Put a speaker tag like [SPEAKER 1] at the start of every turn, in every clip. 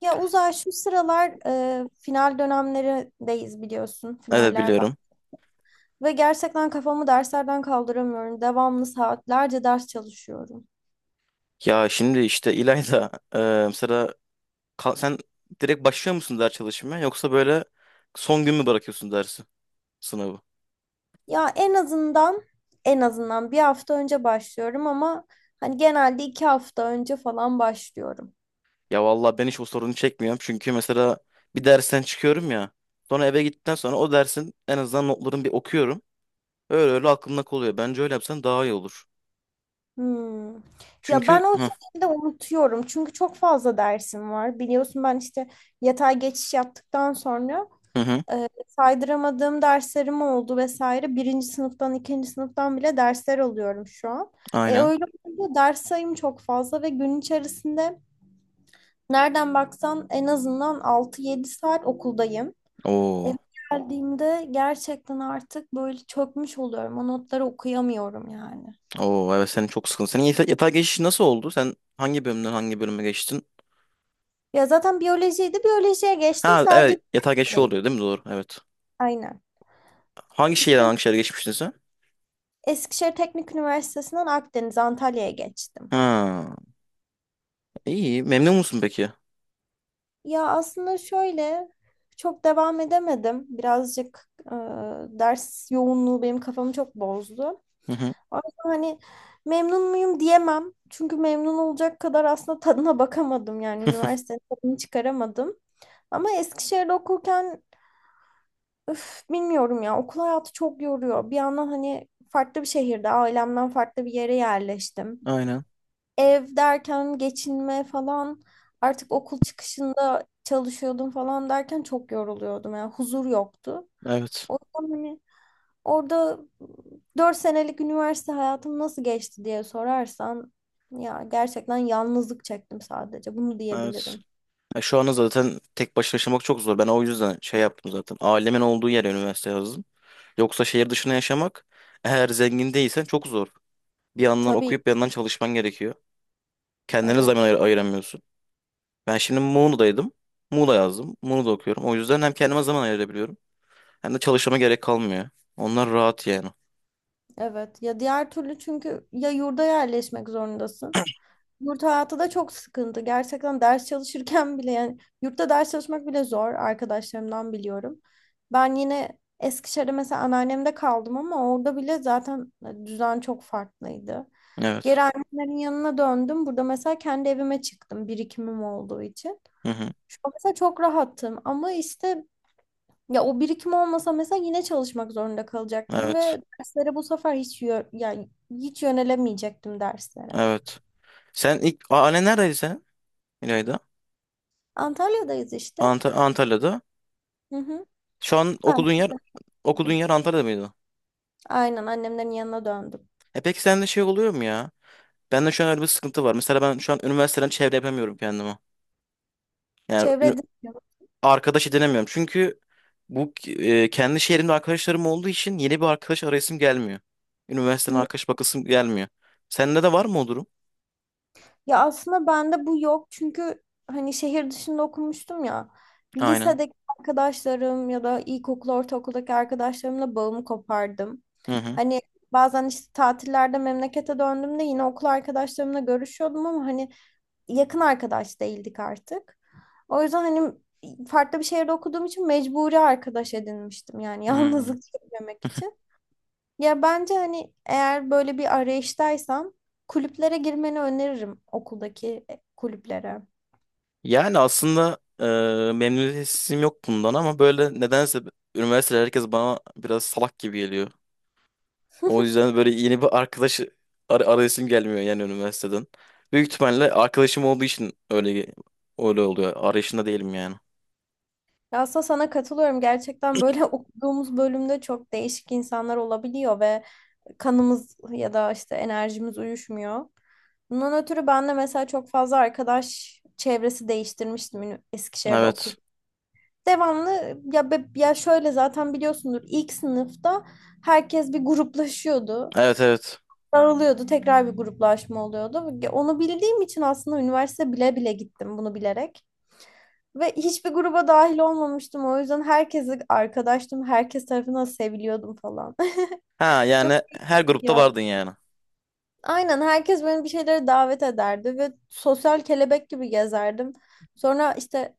[SPEAKER 1] Ya Uzay şu sıralar final dönemlerindeyiz biliyorsun.
[SPEAKER 2] Evet
[SPEAKER 1] Finaller bak.
[SPEAKER 2] biliyorum.
[SPEAKER 1] Ve gerçekten kafamı derslerden kaldıramıyorum. Devamlı saatlerce ders çalışıyorum.
[SPEAKER 2] Ya şimdi işte İlayda, mesela sen direkt başlıyor musun ders çalışmaya yoksa böyle son gün mü bırakıyorsun dersi sınavı?
[SPEAKER 1] Ya en azından 1 hafta önce başlıyorum ama hani genelde 2 hafta önce falan başlıyorum.
[SPEAKER 2] Ya vallahi ben hiç o sorunu çekmiyorum çünkü mesela bir dersten çıkıyorum ya, sonra eve gittikten sonra o dersin en azından notlarını bir okuyorum. Öyle öyle aklımda kalıyor. Bence öyle yapsan daha iyi olur.
[SPEAKER 1] Hmm. Ya
[SPEAKER 2] Çünkü.
[SPEAKER 1] ben o
[SPEAKER 2] Hı
[SPEAKER 1] şekilde unutuyorum. Çünkü çok fazla dersim var. Biliyorsun ben işte yatay geçiş yaptıktan sonra
[SPEAKER 2] hı. Hı.
[SPEAKER 1] saydıramadığım derslerim oldu vesaire. Birinci sınıftan, ikinci sınıftan bile dersler alıyorum şu an. E
[SPEAKER 2] Aynen.
[SPEAKER 1] öyle olunca ders sayım çok fazla ve gün içerisinde nereden baksan en azından 6-7 saat okuldayım. Eve
[SPEAKER 2] Oo.
[SPEAKER 1] geldiğimde gerçekten artık böyle çökmüş oluyorum. O notları okuyamıyorum yani.
[SPEAKER 2] Oo, evet senin çok sıkıntı. Senin yatağa geçiş nasıl oldu? Sen hangi bölümden hangi bölüme geçtin?
[SPEAKER 1] Ya zaten biyolojiydi. Biyolojiye geçtim.
[SPEAKER 2] Ha,
[SPEAKER 1] Sadece
[SPEAKER 2] evet, yatağa geçiş
[SPEAKER 1] değil.
[SPEAKER 2] oluyor değil mi? Doğru, evet.
[SPEAKER 1] Aynen.
[SPEAKER 2] Hangi şehirden
[SPEAKER 1] İşte
[SPEAKER 2] hangi şehre geçmiştin sen?
[SPEAKER 1] Eskişehir Teknik Üniversitesi'nden Akdeniz, Antalya'ya geçtim.
[SPEAKER 2] Ha, iyi. Memnun musun peki?
[SPEAKER 1] Ya aslında şöyle çok devam edemedim. Birazcık ders yoğunluğu benim kafamı çok bozdu.
[SPEAKER 2] Hı hı.
[SPEAKER 1] Ama hani memnun muyum diyemem. Çünkü memnun olacak kadar aslında tadına bakamadım. Yani üniversitenin tadını çıkaramadım. Ama Eskişehir'de okurken üf, bilmiyorum ya okul hayatı çok yoruyor. Bir yandan hani farklı bir şehirde ailemden farklı bir yere yerleştim,
[SPEAKER 2] Aynen.
[SPEAKER 1] ev derken geçinme falan, artık okul çıkışında çalışıyordum falan derken çok yoruluyordum. Yani huzur yoktu.
[SPEAKER 2] Evet.
[SPEAKER 1] O yüzden hani orada 4 senelik üniversite hayatım nasıl geçti diye sorarsan ya gerçekten yalnızlık çektim, sadece bunu
[SPEAKER 2] Evet.
[SPEAKER 1] diyebilirim.
[SPEAKER 2] Ya şu anda zaten tek başına yaşamak çok zor. Ben o yüzden şey yaptım zaten. Ailemin olduğu yere üniversite yazdım. Yoksa şehir dışına yaşamak, eğer zengin değilsen, çok zor. Bir yandan
[SPEAKER 1] Tabii
[SPEAKER 2] okuyup bir yandan çalışman gerekiyor. Kendine
[SPEAKER 1] evet.
[SPEAKER 2] zaman ayıramıyorsun. Ben şimdi Muğla'daydım. Muğla yazdım. Muğla'da okuyorum. O yüzden hem kendime zaman ayırabiliyorum hem de çalışmama gerek kalmıyor. Onlar rahat yani.
[SPEAKER 1] Evet. Ya diğer türlü çünkü ya yurda yerleşmek zorundasın. Yurt hayatı da çok sıkıntı. Gerçekten ders çalışırken bile yani yurtta ders çalışmak bile zor, arkadaşlarımdan biliyorum. Ben yine Eskişehir'de mesela anneannemde kaldım ama orada bile zaten düzen çok farklıydı.
[SPEAKER 2] Evet.
[SPEAKER 1] Geri annemlerin yanına döndüm. Burada mesela kendi evime çıktım birikimim olduğu için.
[SPEAKER 2] Hı hı.
[SPEAKER 1] Şu an mesela çok rahattım ama işte ya o birikim olmasa mesela yine çalışmak zorunda kalacaktım
[SPEAKER 2] Evet.
[SPEAKER 1] ve derslere bu sefer hiç yani hiç yönelemeyecektim derslere.
[SPEAKER 2] Evet. Sen ilk annen neredeydi sen? İlayda.
[SPEAKER 1] Antalya'dayız işte.
[SPEAKER 2] Antalya'da.
[SPEAKER 1] Hı hı.
[SPEAKER 2] Şu an
[SPEAKER 1] Ben de
[SPEAKER 2] okuduğun
[SPEAKER 1] döndüm.
[SPEAKER 2] yer Antalya'da mıydı?
[SPEAKER 1] Aynen annemlerin yanına döndüm.
[SPEAKER 2] E, peki sende şey oluyor mu ya? Bende şu an öyle bir sıkıntı var. Mesela ben şu an üniversiteden çevre yapamıyorum kendime. Yani
[SPEAKER 1] Çevrede.
[SPEAKER 2] arkadaş edinemiyorum. Çünkü bu, kendi şehrimde arkadaşlarım olduğu için yeni bir arkadaş arayasım gelmiyor. Üniversiteden
[SPEAKER 1] Hı.
[SPEAKER 2] arkadaş bakasım gelmiyor. Sende de var mı o durum?
[SPEAKER 1] Ya aslında bende bu yok çünkü hani şehir dışında okumuştum ya.
[SPEAKER 2] Aynen.
[SPEAKER 1] Lisedeki arkadaşlarım ya da ilkokul, ortaokuldaki arkadaşlarımla bağımı kopardım.
[SPEAKER 2] Hı hı.
[SPEAKER 1] Hani bazen işte tatillerde memlekete döndüğümde yine okul arkadaşlarımla görüşüyordum ama hani yakın arkadaş değildik artık. O yüzden hani farklı bir şehirde okuduğum için mecburi arkadaş edinmiştim yani
[SPEAKER 2] Hı.
[SPEAKER 1] yalnızlık çekmemek için. Ya bence hani eğer böyle bir arayıştaysan kulüplere girmeni öneririm, okuldaki kulüplere.
[SPEAKER 2] Yani aslında memnuniyetsizliğim yok bundan ama böyle nedense üniversitede herkes bana biraz salak gibi geliyor. O yüzden böyle yeni bir arkadaş arayışım gelmiyor yani, üniversiteden. Büyük ihtimalle arkadaşım olduğu için öyle öyle oluyor. Arayışında değilim yani.
[SPEAKER 1] Ya aslında sana katılıyorum. Gerçekten böyle okuduğumuz bölümde çok değişik insanlar olabiliyor ve kanımız ya da işte enerjimiz uyuşmuyor. Bundan ötürü ben de mesela çok fazla arkadaş çevresi değiştirmiştim Eskişehir'de
[SPEAKER 2] Evet.
[SPEAKER 1] okurken. Devamlı ya ya şöyle zaten biliyorsundur ilk sınıfta herkes bir gruplaşıyordu.
[SPEAKER 2] Evet, evet.
[SPEAKER 1] Daralıyordu, tekrar bir gruplaşma oluyordu. Onu bildiğim için aslında üniversite bile bile gittim bunu bilerek. Ve hiçbir gruba dahil olmamıştım. O yüzden herkese arkadaştım. Herkes tarafından seviliyordum falan.
[SPEAKER 2] Ha,
[SPEAKER 1] Çok
[SPEAKER 2] yani her
[SPEAKER 1] iyi
[SPEAKER 2] grupta
[SPEAKER 1] oldu.
[SPEAKER 2] vardın yani.
[SPEAKER 1] Aynen herkes beni bir şeylere davet ederdi ve sosyal kelebek gibi gezerdim. Sonra işte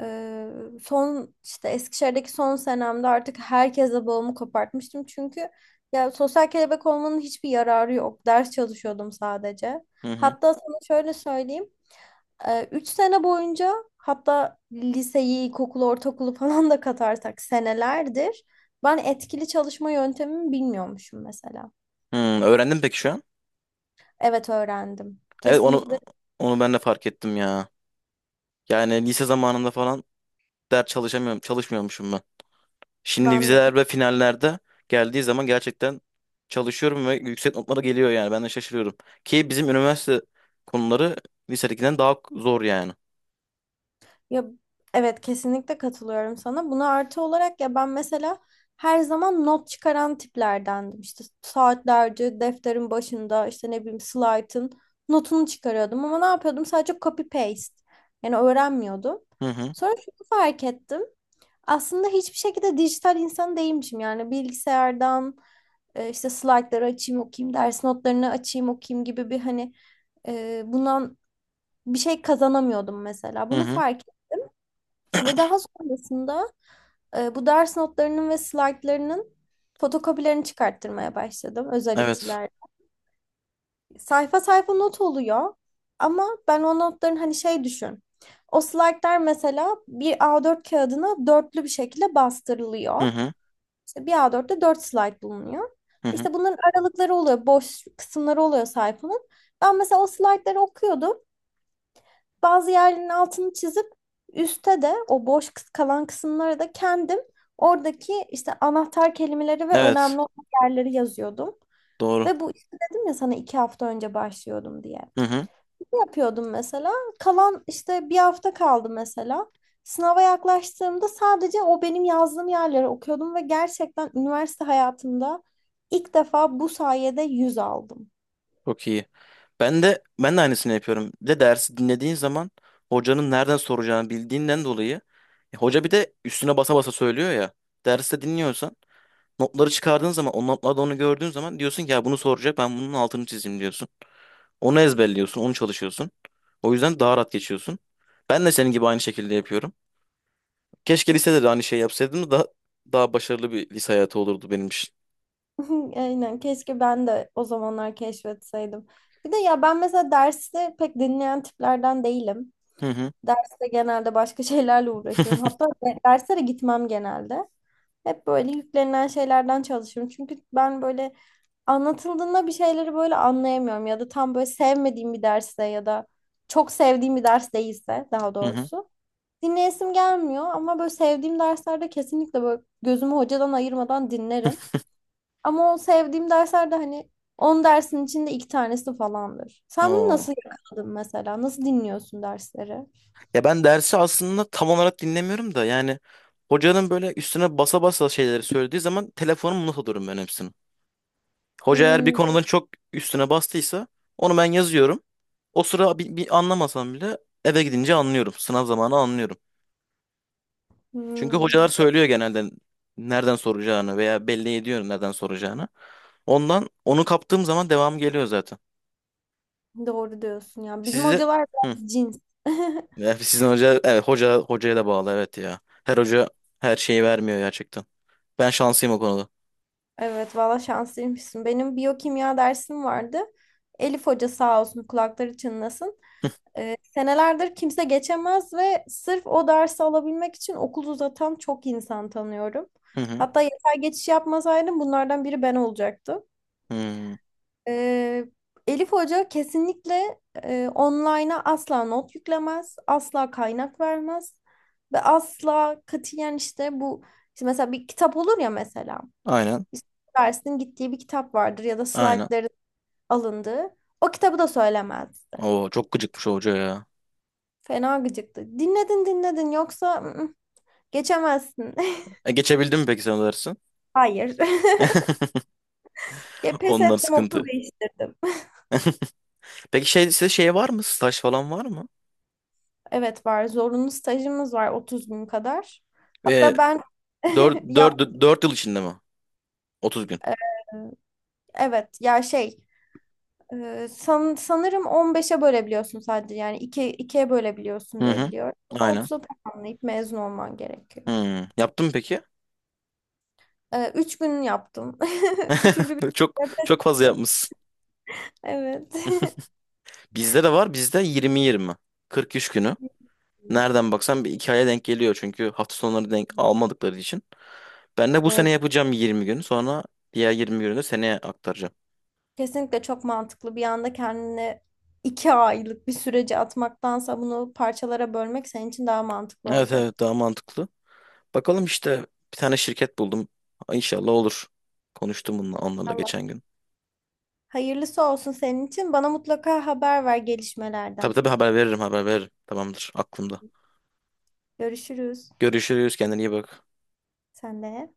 [SPEAKER 1] Ee, son işte Eskişehir'deki son senemde artık herkese bağımı kopartmıştım. Çünkü ya sosyal kelebek olmanın hiçbir yararı yok. Ders çalışıyordum sadece.
[SPEAKER 2] Hı hı.
[SPEAKER 1] Hatta sana şöyle söyleyeyim. 3 sene boyunca, hatta liseyi, ilkokulu, ortaokulu falan da katarsak senelerdir ben etkili çalışma yöntemimi bilmiyormuşum mesela.
[SPEAKER 2] Hı, öğrendin peki şu an?
[SPEAKER 1] Evet öğrendim.
[SPEAKER 2] Evet,
[SPEAKER 1] Kesinlikle
[SPEAKER 2] onu ben de fark ettim ya. Yani lise zamanında falan ders çalışamıyorum, çalışmıyormuşum ben. Şimdi
[SPEAKER 1] ben de.
[SPEAKER 2] vizeler ve finallerde geldiği zaman gerçekten çalışıyorum ve yüksek notlara geliyor yani. Ben de şaşırıyorum. Ki bizim üniversite konuları lisedekinden daha zor yani.
[SPEAKER 1] Ya evet kesinlikle katılıyorum sana. Buna artı olarak ya ben mesela her zaman not çıkaran tiplerdendim. İşte saatlerce defterin başında işte ne bileyim slaytın notunu çıkarıyordum ama ne yapıyordum? Sadece copy paste. Yani öğrenmiyordum.
[SPEAKER 2] Hı hı.
[SPEAKER 1] Sonra şunu fark ettim. Aslında hiçbir şekilde dijital insan değilmişim. Yani bilgisayardan işte slaytları açayım okuyayım, ders notlarını açayım okuyayım gibi bir hani bundan bir şey kazanamıyordum mesela.
[SPEAKER 2] Hı
[SPEAKER 1] Bunu
[SPEAKER 2] hı.
[SPEAKER 1] fark ve daha sonrasında bu ders notlarının ve slaytlarının fotokopilerini çıkarttırmaya başladım özel
[SPEAKER 2] Evet.
[SPEAKER 1] içiler. Sayfa sayfa not oluyor ama ben o notların hani şey düşün. O slaytlar mesela bir A4 kağıdına dörtlü bir şekilde
[SPEAKER 2] Hı
[SPEAKER 1] bastırılıyor.
[SPEAKER 2] hı.
[SPEAKER 1] İşte bir A4'te dört slayt bulunuyor.
[SPEAKER 2] Hı hı.
[SPEAKER 1] İşte bunların aralıkları oluyor, boş kısımları oluyor sayfanın. Ben mesela o slaytları okuyordum. Bazı yerlerinin altını çizip üstte de o boş kalan kısımlara da kendim oradaki işte anahtar kelimeleri ve önemli
[SPEAKER 2] Evet.
[SPEAKER 1] olan yerleri yazıyordum.
[SPEAKER 2] Doğru.
[SPEAKER 1] Ve bu işte dedim ya sana 2 hafta önce başlıyordum diye.
[SPEAKER 2] Hı hı.
[SPEAKER 1] Ne yapıyordum mesela? Kalan işte 1 hafta kaldı mesela. Sınava yaklaştığımda sadece o benim yazdığım yerleri okuyordum ve gerçekten üniversite hayatımda ilk defa bu sayede 100 aldım.
[SPEAKER 2] Çok iyi. Ben de aynısını yapıyorum. Bir de dersi dinlediğin zaman hocanın nereden soracağını bildiğinden dolayı, hoca bir de üstüne basa basa söylüyor ya. Derste dinliyorsan, notları çıkardığın zaman, o notlarda onu gördüğün zaman diyorsun ki ya bunu soracak, ben bunun altını çizeyim diyorsun. Onu ezberliyorsun, onu çalışıyorsun. O yüzden daha rahat geçiyorsun. Ben de senin gibi aynı şekilde yapıyorum. Keşke lisede de aynı şey yapsaydım da daha başarılı bir lise hayatı olurdu benim için.
[SPEAKER 1] Aynen keşke ben de o zamanlar keşfetseydim. Bir de ya ben mesela dersi pek dinleyen tiplerden değilim.
[SPEAKER 2] Hı hı.
[SPEAKER 1] Derste genelde başka şeylerle uğraşıyorum. Hatta derslere gitmem genelde. Hep böyle yüklenilen şeylerden çalışıyorum. Çünkü ben böyle anlatıldığında bir şeyleri böyle anlayamıyorum. Ya da tam böyle sevmediğim bir derste ya da çok sevdiğim bir ders değilse daha
[SPEAKER 2] Hı hı.
[SPEAKER 1] doğrusu. Dinleyesim gelmiyor ama böyle sevdiğim derslerde kesinlikle böyle gözümü hocadan ayırmadan dinlerim. Ama o sevdiğim dersler de hani 10 dersin içinde iki tanesi falandır. Sen bunu
[SPEAKER 2] Oo.
[SPEAKER 1] nasıl yakaladın mesela? Nasıl dinliyorsun dersleri?
[SPEAKER 2] Ya ben dersi aslında tam olarak dinlemiyorum da yani, hocanın böyle üstüne basa basa şeyleri söylediği zaman telefonumu not alıyorum ben hepsini. Hoca eğer bir
[SPEAKER 1] Hmm,
[SPEAKER 2] konudan çok üstüne bastıysa onu ben yazıyorum. O sıra bir anlamasam bile eve gidince anlıyorum. Sınav zamanı anlıyorum. Çünkü
[SPEAKER 1] hmm.
[SPEAKER 2] hocalar söylüyor genelde nereden soracağını, veya belli ediyor nereden soracağını. Ondan onu kaptığım zaman devam geliyor zaten.
[SPEAKER 1] Doğru diyorsun ya. Bizim
[SPEAKER 2] Sizde.
[SPEAKER 1] hocalar
[SPEAKER 2] Hı.
[SPEAKER 1] biraz cins.
[SPEAKER 2] Ya, sizin hoca, evet, hoca hocaya da bağlı, evet ya. Her hoca her şeyi vermiyor gerçekten. Ben şanslıyım o konuda.
[SPEAKER 1] Evet valla şanslıymışsın. Benim biyokimya dersim vardı. Elif Hoca sağ olsun, kulakları çınlasın. Senelerdir kimse geçemez ve sırf o dersi alabilmek için okul uzatan çok insan tanıyorum.
[SPEAKER 2] Hı hı.
[SPEAKER 1] Hatta yeter geçiş yapmasaydım bunlardan biri ben olacaktım.
[SPEAKER 2] Hı.
[SPEAKER 1] E, Elif Hoca kesinlikle online'a asla not yüklemez, asla kaynak vermez ve asla katiyen işte bu işte mesela bir kitap olur ya mesela
[SPEAKER 2] Aynen.
[SPEAKER 1] işte dersin gittiği bir kitap vardır ya da
[SPEAKER 2] Aynen.
[SPEAKER 1] slaytların alındığı o kitabı da söylemezdi.
[SPEAKER 2] Oo, çok gıcıkmış o hoca ya.
[SPEAKER 1] Fena gıcıktı. Dinledin dinledin, yoksa ı-ı, geçemezsin.
[SPEAKER 2] E, geçebildin mi peki sen o dersin?
[SPEAKER 1] Hayır. Ya pes
[SPEAKER 2] Onlar
[SPEAKER 1] ettim, okul
[SPEAKER 2] sıkıntı.
[SPEAKER 1] değiştirdim.
[SPEAKER 2] Peki şey, size şey var mı? Staj falan var mı?
[SPEAKER 1] Evet var. Zorunlu stajımız var 30 gün kadar.
[SPEAKER 2] Ve
[SPEAKER 1] Hatta ben
[SPEAKER 2] dört
[SPEAKER 1] yap
[SPEAKER 2] dört dört yıl içinde mi? 30 gün.
[SPEAKER 1] e, evet ya şey sanırım 15'e bölebiliyorsun sadece, yani 2 ikiye
[SPEAKER 2] Hı
[SPEAKER 1] bölebiliyorsun diye
[SPEAKER 2] hı.
[SPEAKER 1] biliyorum. Ama
[SPEAKER 2] Aynen.
[SPEAKER 1] 30'a tamamlayıp mezun olman gerekiyor.
[SPEAKER 2] Hmm. Yaptın mı peki?
[SPEAKER 1] 3 gün yaptım. Üçüncü gün
[SPEAKER 2] Çok
[SPEAKER 1] de pes
[SPEAKER 2] çok fazla
[SPEAKER 1] ettim.
[SPEAKER 2] yapmışsın.
[SPEAKER 1] Evet.
[SPEAKER 2] Bizde de var. Bizde 20-20. 40 iş günü. Nereden baksan bir iki aya denk geliyor. Çünkü hafta sonları denk almadıkları için. Ben de bu sene
[SPEAKER 1] Doğru.
[SPEAKER 2] yapacağım 20 gün. Sonra diğer 20 günü de seneye aktaracağım.
[SPEAKER 1] Kesinlikle çok mantıklı. Bir anda kendini 2 aylık bir sürece atmaktansa bunu parçalara bölmek senin için daha mantıklı
[SPEAKER 2] Evet,
[SPEAKER 1] olacak.
[SPEAKER 2] evet daha mantıklı. Bakalım işte, bir tane şirket buldum. İnşallah olur. Konuştum bununla, onlarla
[SPEAKER 1] Allah.
[SPEAKER 2] geçen gün.
[SPEAKER 1] Hayırlısı olsun senin için. Bana mutlaka haber ver
[SPEAKER 2] Tabii,
[SPEAKER 1] gelişmelerden.
[SPEAKER 2] tabii haber veririm, haber veririm. Tamamdır, aklımda.
[SPEAKER 1] Görüşürüz.
[SPEAKER 2] Görüşürüz, kendine iyi bak.
[SPEAKER 1] Sen de.